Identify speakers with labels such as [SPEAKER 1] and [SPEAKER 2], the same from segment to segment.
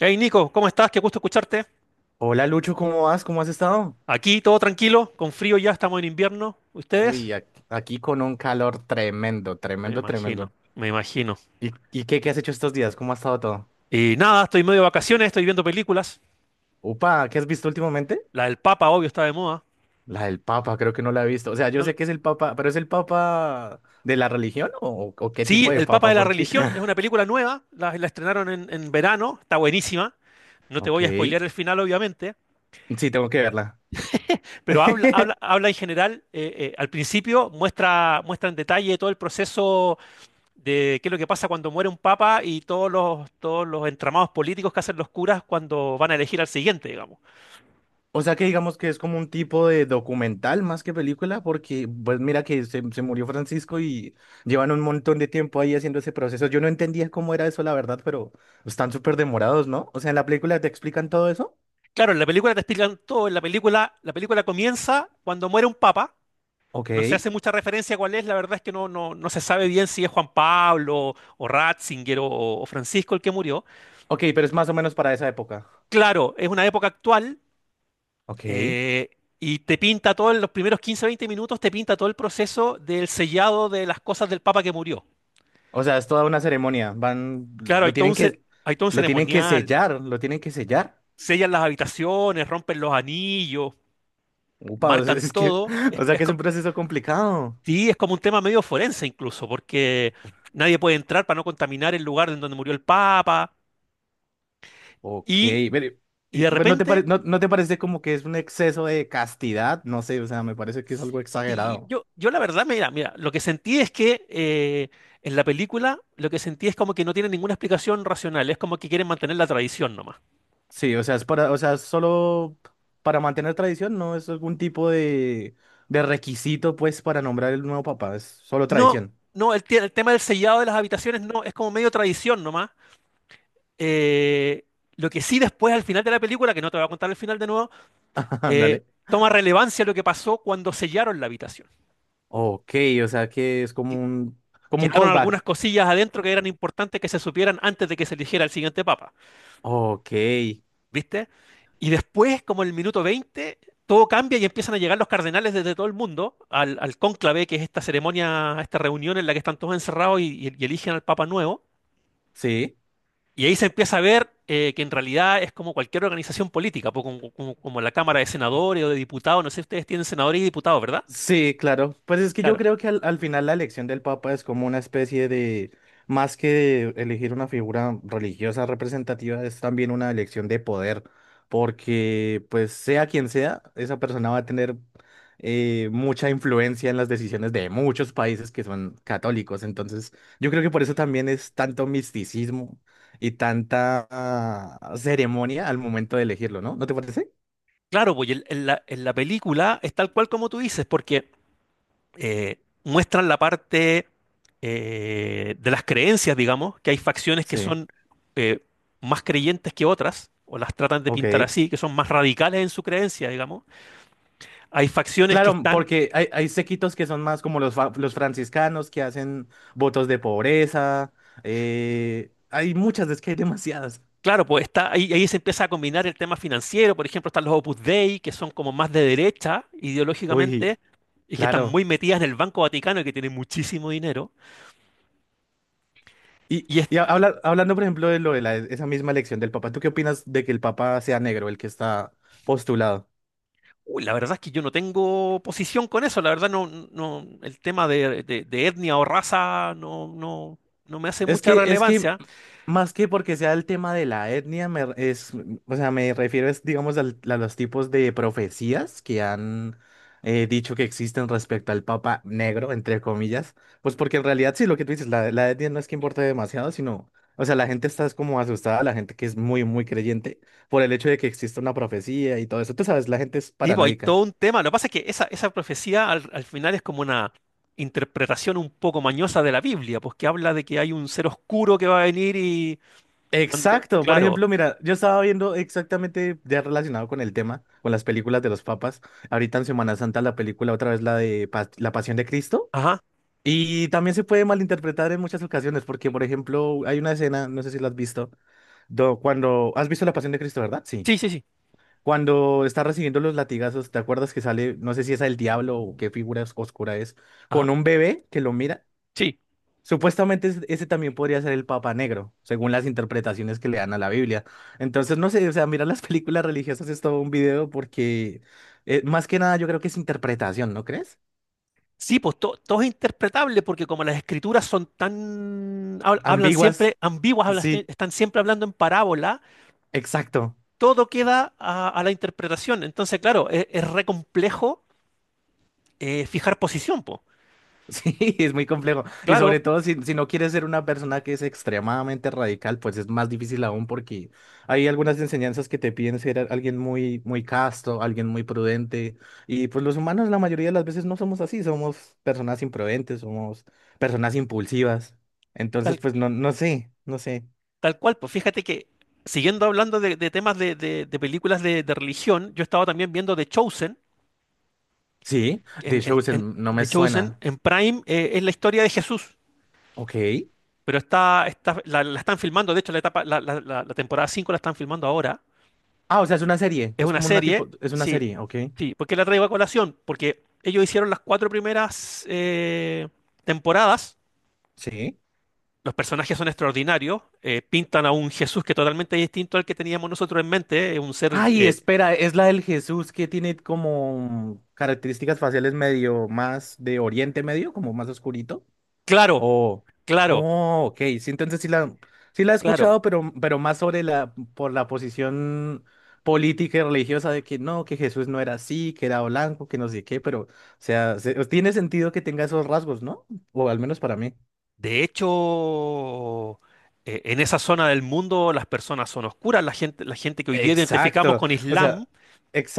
[SPEAKER 1] Hey Nico, ¿cómo estás? Qué gusto escucharte.
[SPEAKER 2] Hola Lucho, ¿cómo vas? ¿Cómo has estado?
[SPEAKER 1] Aquí todo tranquilo, con frío ya, estamos en invierno. ¿Ustedes?
[SPEAKER 2] Uy, aquí con un calor tremendo,
[SPEAKER 1] Me
[SPEAKER 2] tremendo,
[SPEAKER 1] imagino,
[SPEAKER 2] tremendo.
[SPEAKER 1] me imagino.
[SPEAKER 2] ¿Y qué has hecho estos días? ¿Cómo ha estado todo?
[SPEAKER 1] Y nada, estoy medio de vacaciones, estoy viendo películas.
[SPEAKER 2] Upa, ¿qué has visto últimamente?
[SPEAKER 1] La del Papa, obvio, está de moda.
[SPEAKER 2] La del Papa, creo que no la he visto. O sea, yo
[SPEAKER 1] No
[SPEAKER 2] sé
[SPEAKER 1] la-
[SPEAKER 2] que es el Papa, pero ¿es el Papa de la religión o qué tipo
[SPEAKER 1] Sí,
[SPEAKER 2] de
[SPEAKER 1] El Papa
[SPEAKER 2] Papa?
[SPEAKER 1] de la
[SPEAKER 2] Porque...
[SPEAKER 1] Religión es una película nueva, la estrenaron en verano, está buenísima. No te
[SPEAKER 2] Ok,
[SPEAKER 1] voy a spoilear
[SPEAKER 2] sí,
[SPEAKER 1] el final, obviamente,
[SPEAKER 2] tengo que verla.
[SPEAKER 1] pero habla, habla, habla en general. Al principio muestra en detalle todo el proceso de qué es lo que pasa cuando muere un papa y todos los entramados políticos que hacen los curas cuando van a elegir al siguiente, digamos.
[SPEAKER 2] O sea que digamos que es como un tipo de documental más que película, porque pues mira que se murió Francisco y llevan un montón de tiempo ahí haciendo ese proceso. Yo no entendía cómo era eso, la verdad, pero están súper demorados, ¿no? O sea, en la película te explican todo eso.
[SPEAKER 1] Claro, en la película te explican todo. La película comienza cuando muere un papa. No se
[SPEAKER 2] Ok.
[SPEAKER 1] hace mucha referencia a cuál es, la verdad es que no se sabe bien si es Juan Pablo o Ratzinger o Francisco el que murió.
[SPEAKER 2] Ok, pero es más o menos para esa época.
[SPEAKER 1] Claro, es una época actual.
[SPEAKER 2] Ok.
[SPEAKER 1] eh, y te pinta todo en los primeros 15-20 minutos, te pinta todo el proceso del sellado de las cosas del Papa que murió.
[SPEAKER 2] O sea, es toda una ceremonia. Van,
[SPEAKER 1] Claro,
[SPEAKER 2] lo tienen que,
[SPEAKER 1] hay todo un
[SPEAKER 2] lo tienen que
[SPEAKER 1] ceremonial,
[SPEAKER 2] sellar, lo tienen que sellar.
[SPEAKER 1] sellan las habitaciones, rompen los anillos,
[SPEAKER 2] Upa, o sea,
[SPEAKER 1] marcan
[SPEAKER 2] es que,
[SPEAKER 1] todo.
[SPEAKER 2] o sea que es un proceso complicado.
[SPEAKER 1] Sí, es como un tema medio forense incluso, porque nadie puede entrar para no contaminar el lugar en donde murió el Papa.
[SPEAKER 2] Ok,
[SPEAKER 1] Y,
[SPEAKER 2] pero,
[SPEAKER 1] y de
[SPEAKER 2] pero
[SPEAKER 1] repente,
[SPEAKER 2] ¿no te parece como que es un exceso de castidad? No sé, o sea, me parece que es algo
[SPEAKER 1] sí.
[SPEAKER 2] exagerado.
[SPEAKER 1] Yo la verdad, mira, mira, lo que sentí es que, en la película lo que sentí es como que no tiene ninguna explicación racional, es como que quieren mantener la tradición nomás.
[SPEAKER 2] Sí, o sea, es para, o sea, solo para mantener tradición, no es algún tipo de requisito, pues, para nombrar el nuevo papá, es solo
[SPEAKER 1] No,
[SPEAKER 2] tradición.
[SPEAKER 1] no, el tema del sellado de las habitaciones no, es como medio tradición nomás. Eh, lo que sí, después al final de la película, que no te voy a contar el final de nuevo, eh,
[SPEAKER 2] Dale.
[SPEAKER 1] toma relevancia lo que pasó cuando sellaron la habitación.
[SPEAKER 2] Ok, o sea que es
[SPEAKER 1] Que-
[SPEAKER 2] como un
[SPEAKER 1] Quedaron algunas
[SPEAKER 2] callback.
[SPEAKER 1] cosillas adentro que eran importantes que se supieran antes de que se eligiera el siguiente papa,
[SPEAKER 2] Ok,
[SPEAKER 1] ¿viste? Y después, como en el minuto 20, todo cambia y empiezan a llegar los cardenales desde todo el mundo al cónclave, que es esta ceremonia, esta reunión en la que están todos encerrados y eligen al papa nuevo.
[SPEAKER 2] sí.
[SPEAKER 1] Y ahí se empieza a ver, que en realidad es como cualquier organización política, como la Cámara de Senadores o de Diputados. No sé si ustedes tienen senadores y diputados, ¿verdad?
[SPEAKER 2] Sí, claro. Pues es que yo
[SPEAKER 1] Claro.
[SPEAKER 2] creo que al final la elección del Papa es como una especie de, más que de elegir una figura religiosa representativa, es también una elección de poder, porque pues sea quien sea, esa persona va a tener mucha influencia en las decisiones de muchos países que son católicos. Entonces, yo creo que por eso también es tanto misticismo y tanta ceremonia al momento de elegirlo, ¿no? ¿No te parece?
[SPEAKER 1] Claro, pues y en la película es tal cual como tú dices, porque eh, muestran la parte, de las creencias, digamos, que hay facciones que
[SPEAKER 2] Sí.
[SPEAKER 1] son, eh, más creyentes que otras, o las tratan de pintar
[SPEAKER 2] Ok.
[SPEAKER 1] así, que son más radicales en su creencia, digamos. Hay facciones que
[SPEAKER 2] Claro,
[SPEAKER 1] están.
[SPEAKER 2] porque hay sequitos que son más como los franciscanos que hacen votos de pobreza. Eh, hay muchas, es que hay demasiadas.
[SPEAKER 1] Claro, pues está, ahí se empieza a combinar el tema financiero, por ejemplo, están los Opus Dei, que son como más de derecha
[SPEAKER 2] Uy,
[SPEAKER 1] ideológicamente y que están
[SPEAKER 2] claro.
[SPEAKER 1] muy metidas en el Banco Vaticano, y que tienen muchísimo dinero. Y es,
[SPEAKER 2] Hablando, por ejemplo, de lo de esa misma elección del Papa, ¿tú qué opinas de que el Papa sea negro, el que está postulado?
[SPEAKER 1] Uy, la verdad es que yo no tengo posición con eso, la verdad no. No, el tema de etnia o raza, no, no me hace
[SPEAKER 2] Es
[SPEAKER 1] mucha
[SPEAKER 2] que, es que
[SPEAKER 1] relevancia.
[SPEAKER 2] más que porque sea el tema de la etnia, o sea, me refiero es, digamos, a los tipos de profecías que han dicho que existen respecto al Papa Negro, entre comillas. Pues porque en realidad sí, lo que tú dices, la etnia no es que importe demasiado, sino, o sea, la gente está es como asustada, la gente que es muy creyente por el hecho de que exista una profecía y todo eso. Tú sabes, la gente es
[SPEAKER 1] Tipo, hay
[SPEAKER 2] paranoica.
[SPEAKER 1] todo un tema. Lo que pasa es que esa profecía al final es como una interpretación un poco mañosa de la Biblia, pues que habla de que hay un ser oscuro que va a venir y...
[SPEAKER 2] Exacto, por
[SPEAKER 1] Claro.
[SPEAKER 2] ejemplo, mira, yo estaba viendo exactamente ya relacionado con el tema, con las películas de los papas, ahorita en Semana Santa la película otra vez la de La Pasión de Cristo,
[SPEAKER 1] Ajá.
[SPEAKER 2] y también se puede malinterpretar en muchas ocasiones, porque por ejemplo, hay una escena, no sé si la has visto, ¿has visto La Pasión de Cristo, verdad? Sí.
[SPEAKER 1] Sí, sí, sí.
[SPEAKER 2] Cuando está recibiendo los latigazos, ¿te acuerdas que sale, no sé si es el diablo o qué figura oscura es,
[SPEAKER 1] Ajá.
[SPEAKER 2] con un bebé que lo mira?
[SPEAKER 1] Sí.
[SPEAKER 2] Supuestamente ese también podría ser el Papa Negro, según las interpretaciones que le dan a la Biblia. Entonces, no sé, o sea, mirar las películas religiosas es todo un video porque más que nada yo creo que es interpretación, ¿no crees?
[SPEAKER 1] Sí, pues todo es interpretable porque como las escrituras son hablan
[SPEAKER 2] Ambiguas,
[SPEAKER 1] siempre ambiguas, hablan-
[SPEAKER 2] sí,
[SPEAKER 1] están siempre hablando en parábola,
[SPEAKER 2] exacto.
[SPEAKER 1] todo queda a la interpretación. Entonces, claro, es re complejo, fijar posición, pues.
[SPEAKER 2] Sí, es muy complejo. Y
[SPEAKER 1] Claro,
[SPEAKER 2] sobre todo si, si no quieres ser una persona que es extremadamente radical, pues es más difícil aún porque hay algunas enseñanzas que te piden ser alguien muy casto, alguien muy prudente. Y pues los humanos la mayoría de las veces no somos así, somos personas imprudentes, somos personas impulsivas.
[SPEAKER 1] tal,
[SPEAKER 2] Entonces, pues no sé, no sé.
[SPEAKER 1] tal cual, pues fíjate que siguiendo hablando de temas de películas de religión, yo estaba también viendo The Chosen.
[SPEAKER 2] Sí,
[SPEAKER 1] en,
[SPEAKER 2] The
[SPEAKER 1] en- en-
[SPEAKER 2] Chosen no me
[SPEAKER 1] The
[SPEAKER 2] suena.
[SPEAKER 1] Chosen en Prime, es la historia de Jesús.
[SPEAKER 2] Ok.
[SPEAKER 1] Pero la están filmando, de hecho, la temporada 5 la están filmando ahora.
[SPEAKER 2] Ah, o sea, es una serie,
[SPEAKER 1] Es
[SPEAKER 2] es
[SPEAKER 1] una
[SPEAKER 2] como una
[SPEAKER 1] serie,
[SPEAKER 2] tipo, es una
[SPEAKER 1] sí,
[SPEAKER 2] serie, ok.
[SPEAKER 1] sí. ¿Por qué la traigo a colación? Porque ellos hicieron las cuatro primeras, temporadas.
[SPEAKER 2] Sí.
[SPEAKER 1] Los personajes son extraordinarios. Pintan a un Jesús que totalmente es distinto al que teníamos nosotros en mente. Es un ser,
[SPEAKER 2] Ay, espera, es la del Jesús que tiene como características faciales medio más de Oriente Medio, como más oscurito.
[SPEAKER 1] claro,
[SPEAKER 2] Oh,
[SPEAKER 1] claro,
[SPEAKER 2] oh, ok. Sí, entonces sí sí la he
[SPEAKER 1] claro.
[SPEAKER 2] escuchado, pero más sobre la, por la posición política y religiosa de que no, que Jesús no era así, que era blanco, que no sé qué, pero, o sea, tiene sentido que tenga esos rasgos, ¿no? O al menos para mí.
[SPEAKER 1] De hecho, en esa zona del mundo las personas son oscuras. La gente que hoy día identificamos
[SPEAKER 2] Exacto.
[SPEAKER 1] con
[SPEAKER 2] O sea,
[SPEAKER 1] Islam.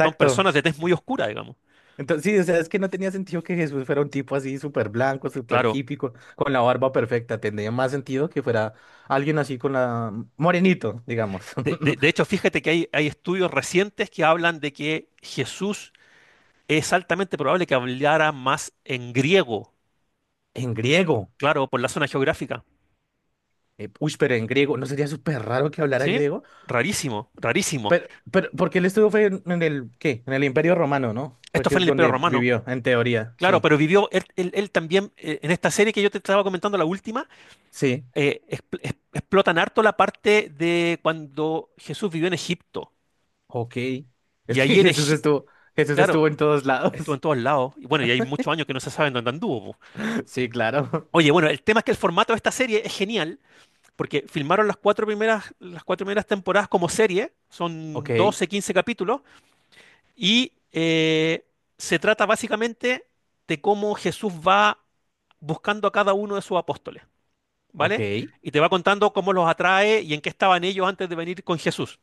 [SPEAKER 1] Son personas de tez muy oscura, digamos.
[SPEAKER 2] Entonces, sí, o sea, es que no tenía sentido que Jesús fuera un tipo así súper blanco, súper
[SPEAKER 1] Claro.
[SPEAKER 2] hippie, con la barba perfecta. Tendría más sentido que fuera alguien así con la... mm, morenito, digamos.
[SPEAKER 1] De hecho, fíjate que hay estudios recientes que hablan de que Jesús es altamente probable que hablara más en griego,
[SPEAKER 2] En griego.
[SPEAKER 1] claro, por la zona geográfica.
[SPEAKER 2] Eh, uy, pero en griego. ¿No sería súper raro que hablara en
[SPEAKER 1] ¿Sí?
[SPEAKER 2] griego?
[SPEAKER 1] Rarísimo, rarísimo.
[SPEAKER 2] Porque él estuvo fue en el, ¿qué? En el Imperio Romano, ¿no?
[SPEAKER 1] Esto
[SPEAKER 2] Porque
[SPEAKER 1] fue en
[SPEAKER 2] es
[SPEAKER 1] el Imperio
[SPEAKER 2] donde
[SPEAKER 1] Romano.
[SPEAKER 2] vivió, en teoría,
[SPEAKER 1] Claro,
[SPEAKER 2] sí.
[SPEAKER 1] pero vivió él también, en esta serie que yo te estaba comentando, la última,
[SPEAKER 2] Sí,
[SPEAKER 1] explotan harto la parte de cuando Jesús vivió en Egipto.
[SPEAKER 2] ok. Es
[SPEAKER 1] Y
[SPEAKER 2] que
[SPEAKER 1] ahí en Egipto,
[SPEAKER 2] Jesús
[SPEAKER 1] claro,
[SPEAKER 2] estuvo en todos lados.
[SPEAKER 1] estuvo en todos lados. Y bueno, y hay muchos años que no se sabe en dónde anduvo.
[SPEAKER 2] Sí, claro.
[SPEAKER 1] Oye, bueno, el tema es que el formato de esta serie es genial, porque filmaron las cuatro primeras temporadas como serie,
[SPEAKER 2] Ok,
[SPEAKER 1] son 12-15 capítulos, y se trata básicamente de cómo Jesús va buscando a cada uno de sus apóstoles,
[SPEAKER 2] ok.
[SPEAKER 1] ¿vale? Y te va contando cómo los atrae y en qué estaban ellos antes de venir con Jesús.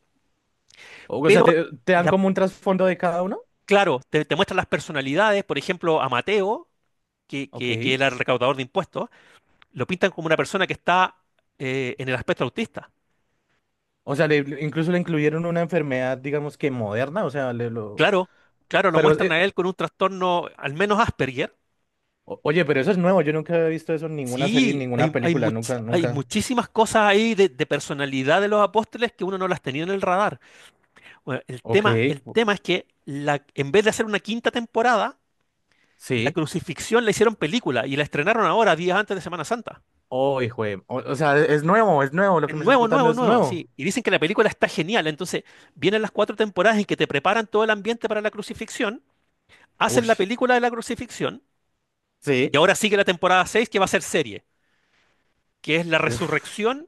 [SPEAKER 2] O sea,
[SPEAKER 1] Pero,
[SPEAKER 2] te dan
[SPEAKER 1] la-
[SPEAKER 2] como un trasfondo de cada uno.
[SPEAKER 1] claro, te muestran las personalidades, por ejemplo, a Mateo, que
[SPEAKER 2] Ok.
[SPEAKER 1] era el recaudador de impuestos, lo pintan como una persona que está, en el aspecto autista.
[SPEAKER 2] O sea, incluso le incluyeron una enfermedad, digamos que moderna. O sea, le lo.
[SPEAKER 1] Claro, claro, lo
[SPEAKER 2] Pero,
[SPEAKER 1] muestran a él con un trastorno al menos Asperger.
[SPEAKER 2] oye, pero eso es nuevo. Yo nunca había visto eso en ninguna serie, en
[SPEAKER 1] Sí, hay,
[SPEAKER 2] ninguna
[SPEAKER 1] hay,
[SPEAKER 2] película.
[SPEAKER 1] much-
[SPEAKER 2] Nunca,
[SPEAKER 1] hay
[SPEAKER 2] nunca.
[SPEAKER 1] muchísimas cosas ahí de personalidad de los apóstoles que uno no las tenía en el radar. Bueno, el
[SPEAKER 2] Ok.
[SPEAKER 1] tema, el
[SPEAKER 2] o-
[SPEAKER 1] tema es que, en vez de hacer una quinta temporada, la
[SPEAKER 2] Sí.
[SPEAKER 1] crucifixión la hicieron película y la estrenaron ahora, días antes de Semana Santa.
[SPEAKER 2] Oh, hijo de... O, o sea, es nuevo, es nuevo. Lo
[SPEAKER 1] Es
[SPEAKER 2] que me estás
[SPEAKER 1] nuevo,
[SPEAKER 2] contando
[SPEAKER 1] nuevo,
[SPEAKER 2] es
[SPEAKER 1] nuevo,
[SPEAKER 2] nuevo.
[SPEAKER 1] sí. Y dicen que la película está genial. Entonces, vienen las cuatro temporadas en que te preparan todo el ambiente para la crucifixión, hacen la
[SPEAKER 2] Ush.
[SPEAKER 1] película de la crucifixión y
[SPEAKER 2] Sí.
[SPEAKER 1] ahora sigue la temporada seis, que va a ser serie, que es la
[SPEAKER 2] Uf.
[SPEAKER 1] resurrección,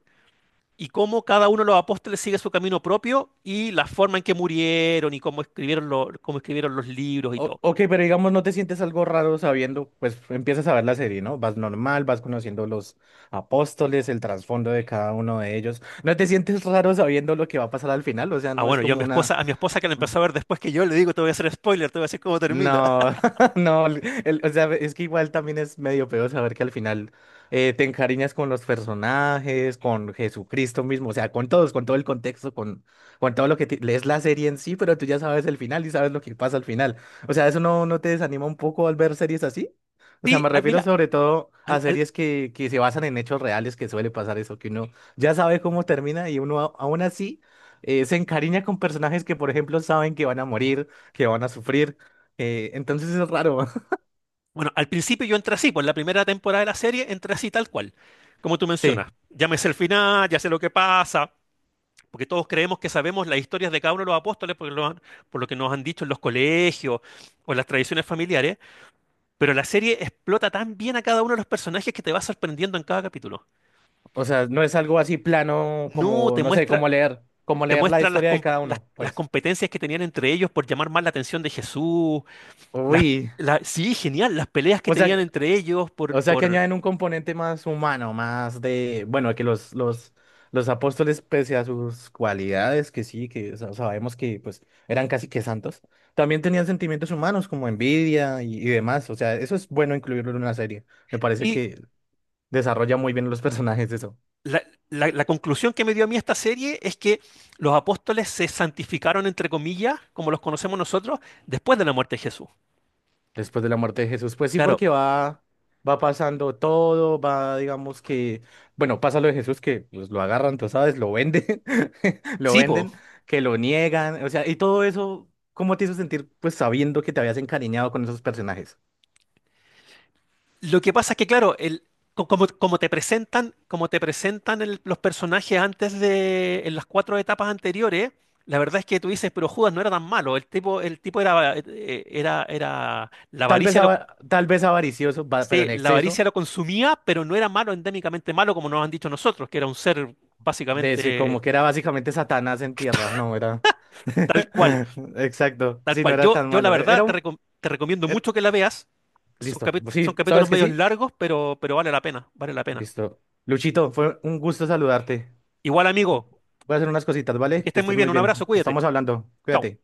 [SPEAKER 1] y cómo cada uno de los apóstoles sigue su camino propio y la forma en que murieron y cómo escribieron, cómo escribieron los libros y todo.
[SPEAKER 2] Ok, pero digamos, no te sientes algo raro sabiendo, pues empiezas a ver la serie, ¿no? Vas normal, vas conociendo los apóstoles, el trasfondo de cada uno de ellos. ¿No te sientes raro sabiendo lo que va a pasar al final? O sea,
[SPEAKER 1] Ah,
[SPEAKER 2] no es
[SPEAKER 1] bueno, yo a
[SPEAKER 2] como
[SPEAKER 1] mi
[SPEAKER 2] una...
[SPEAKER 1] esposa, a mi esposa que la empezó a ver después, que yo le digo, te voy a hacer spoiler, te voy a decir cómo termina.
[SPEAKER 2] No, no, o sea, es que igual también es medio peor saber que al final te encariñas con los personajes, con Jesucristo mismo, o sea, con todos, con todo el contexto, con todo lo que lees la serie en sí, pero tú ya sabes el final y sabes lo que pasa al final. O sea, ¿eso no te desanima un poco al ver series así? O sea,
[SPEAKER 1] Sí,
[SPEAKER 2] me
[SPEAKER 1] ah,
[SPEAKER 2] refiero
[SPEAKER 1] mira,
[SPEAKER 2] sobre todo a
[SPEAKER 1] al, al-
[SPEAKER 2] series que se basan en hechos reales, que suele pasar eso, que uno ya sabe cómo termina y uno aún así se encariña con personajes que, por ejemplo, saben que van a morir, que van a sufrir entonces es raro.
[SPEAKER 1] bueno, al principio yo entré así, por la primera temporada de la serie entré así tal cual, como tú
[SPEAKER 2] Sí,
[SPEAKER 1] mencionas. Ya me sé el final, ya sé lo que pasa, porque todos creemos que sabemos las historias de cada uno de los apóstoles porque por lo que nos han dicho en los colegios o en las tradiciones familiares. Pero la serie explota tan bien a cada uno de los personajes que te va sorprendiendo en cada capítulo.
[SPEAKER 2] o sea, no es algo así plano
[SPEAKER 1] No
[SPEAKER 2] como,
[SPEAKER 1] te
[SPEAKER 2] no sé,
[SPEAKER 1] muestra,
[SPEAKER 2] como
[SPEAKER 1] te
[SPEAKER 2] leer la
[SPEAKER 1] muestra las,
[SPEAKER 2] historia de
[SPEAKER 1] com-
[SPEAKER 2] cada
[SPEAKER 1] las-
[SPEAKER 2] uno,
[SPEAKER 1] las
[SPEAKER 2] pues.
[SPEAKER 1] competencias que tenían entre ellos por llamar más la atención de Jesús. Las,
[SPEAKER 2] Uy,
[SPEAKER 1] sí, genial, las peleas que
[SPEAKER 2] o sea,
[SPEAKER 1] tenían entre ellos
[SPEAKER 2] o sea que
[SPEAKER 1] por...
[SPEAKER 2] añaden un componente más humano, más de, bueno, que los apóstoles, pese a sus cualidades, que sí, que sabemos que pues eran casi que santos, también tenían sentimientos humanos como envidia y demás. O sea, eso es bueno incluirlo en una serie. Me parece
[SPEAKER 1] Y
[SPEAKER 2] que desarrolla muy bien los personajes eso.
[SPEAKER 1] la, la conclusión que me dio a mí esta serie es que los apóstoles se santificaron, entre comillas, como los conocemos nosotros, después de la muerte de Jesús.
[SPEAKER 2] Después de la muerte de Jesús. Pues sí,
[SPEAKER 1] Claro,
[SPEAKER 2] porque va, va pasando todo, va, digamos que, bueno, pasa lo de Jesús que pues, lo agarran, tú sabes, lo venden, lo
[SPEAKER 1] sí,
[SPEAKER 2] venden, que lo niegan, o sea, y todo eso, ¿cómo te hizo sentir, pues sabiendo que te habías encariñado con esos personajes?
[SPEAKER 1] lo que pasa es que, claro, como te presentan los personajes antes de, en las cuatro etapas anteriores, la verdad es que tú dices, pero Judas no era tan malo. El tipo era,
[SPEAKER 2] Tal vez, tal vez avaricioso, pero
[SPEAKER 1] sí,
[SPEAKER 2] en
[SPEAKER 1] la
[SPEAKER 2] exceso,
[SPEAKER 1] avaricia lo consumía, pero no era malo, endémicamente malo, como nos han dicho nosotros, que era un ser básicamente
[SPEAKER 2] como que era básicamente Satanás en tierra, no era.
[SPEAKER 1] tal cual,
[SPEAKER 2] Exacto,
[SPEAKER 1] tal
[SPEAKER 2] sí, no
[SPEAKER 1] cual.
[SPEAKER 2] era
[SPEAKER 1] Yo,
[SPEAKER 2] tan
[SPEAKER 1] yo la
[SPEAKER 2] malo,
[SPEAKER 1] verdad,
[SPEAKER 2] era un...
[SPEAKER 1] te recomiendo
[SPEAKER 2] era-
[SPEAKER 1] mucho que la veas.
[SPEAKER 2] Listo,
[SPEAKER 1] Son
[SPEAKER 2] sí,
[SPEAKER 1] capítulos
[SPEAKER 2] ¿sabes que
[SPEAKER 1] medios
[SPEAKER 2] sí?
[SPEAKER 1] largos, pero vale la pena, vale la pena.
[SPEAKER 2] Listo. Luchito, fue un gusto saludarte.
[SPEAKER 1] Igual, amigo.
[SPEAKER 2] Voy a hacer unas cositas,
[SPEAKER 1] Que
[SPEAKER 2] ¿vale? Que
[SPEAKER 1] estén muy
[SPEAKER 2] estés
[SPEAKER 1] bien.
[SPEAKER 2] muy
[SPEAKER 1] Un
[SPEAKER 2] bien.
[SPEAKER 1] abrazo, cuídate.
[SPEAKER 2] Estamos hablando.
[SPEAKER 1] Chao.
[SPEAKER 2] Cuídate.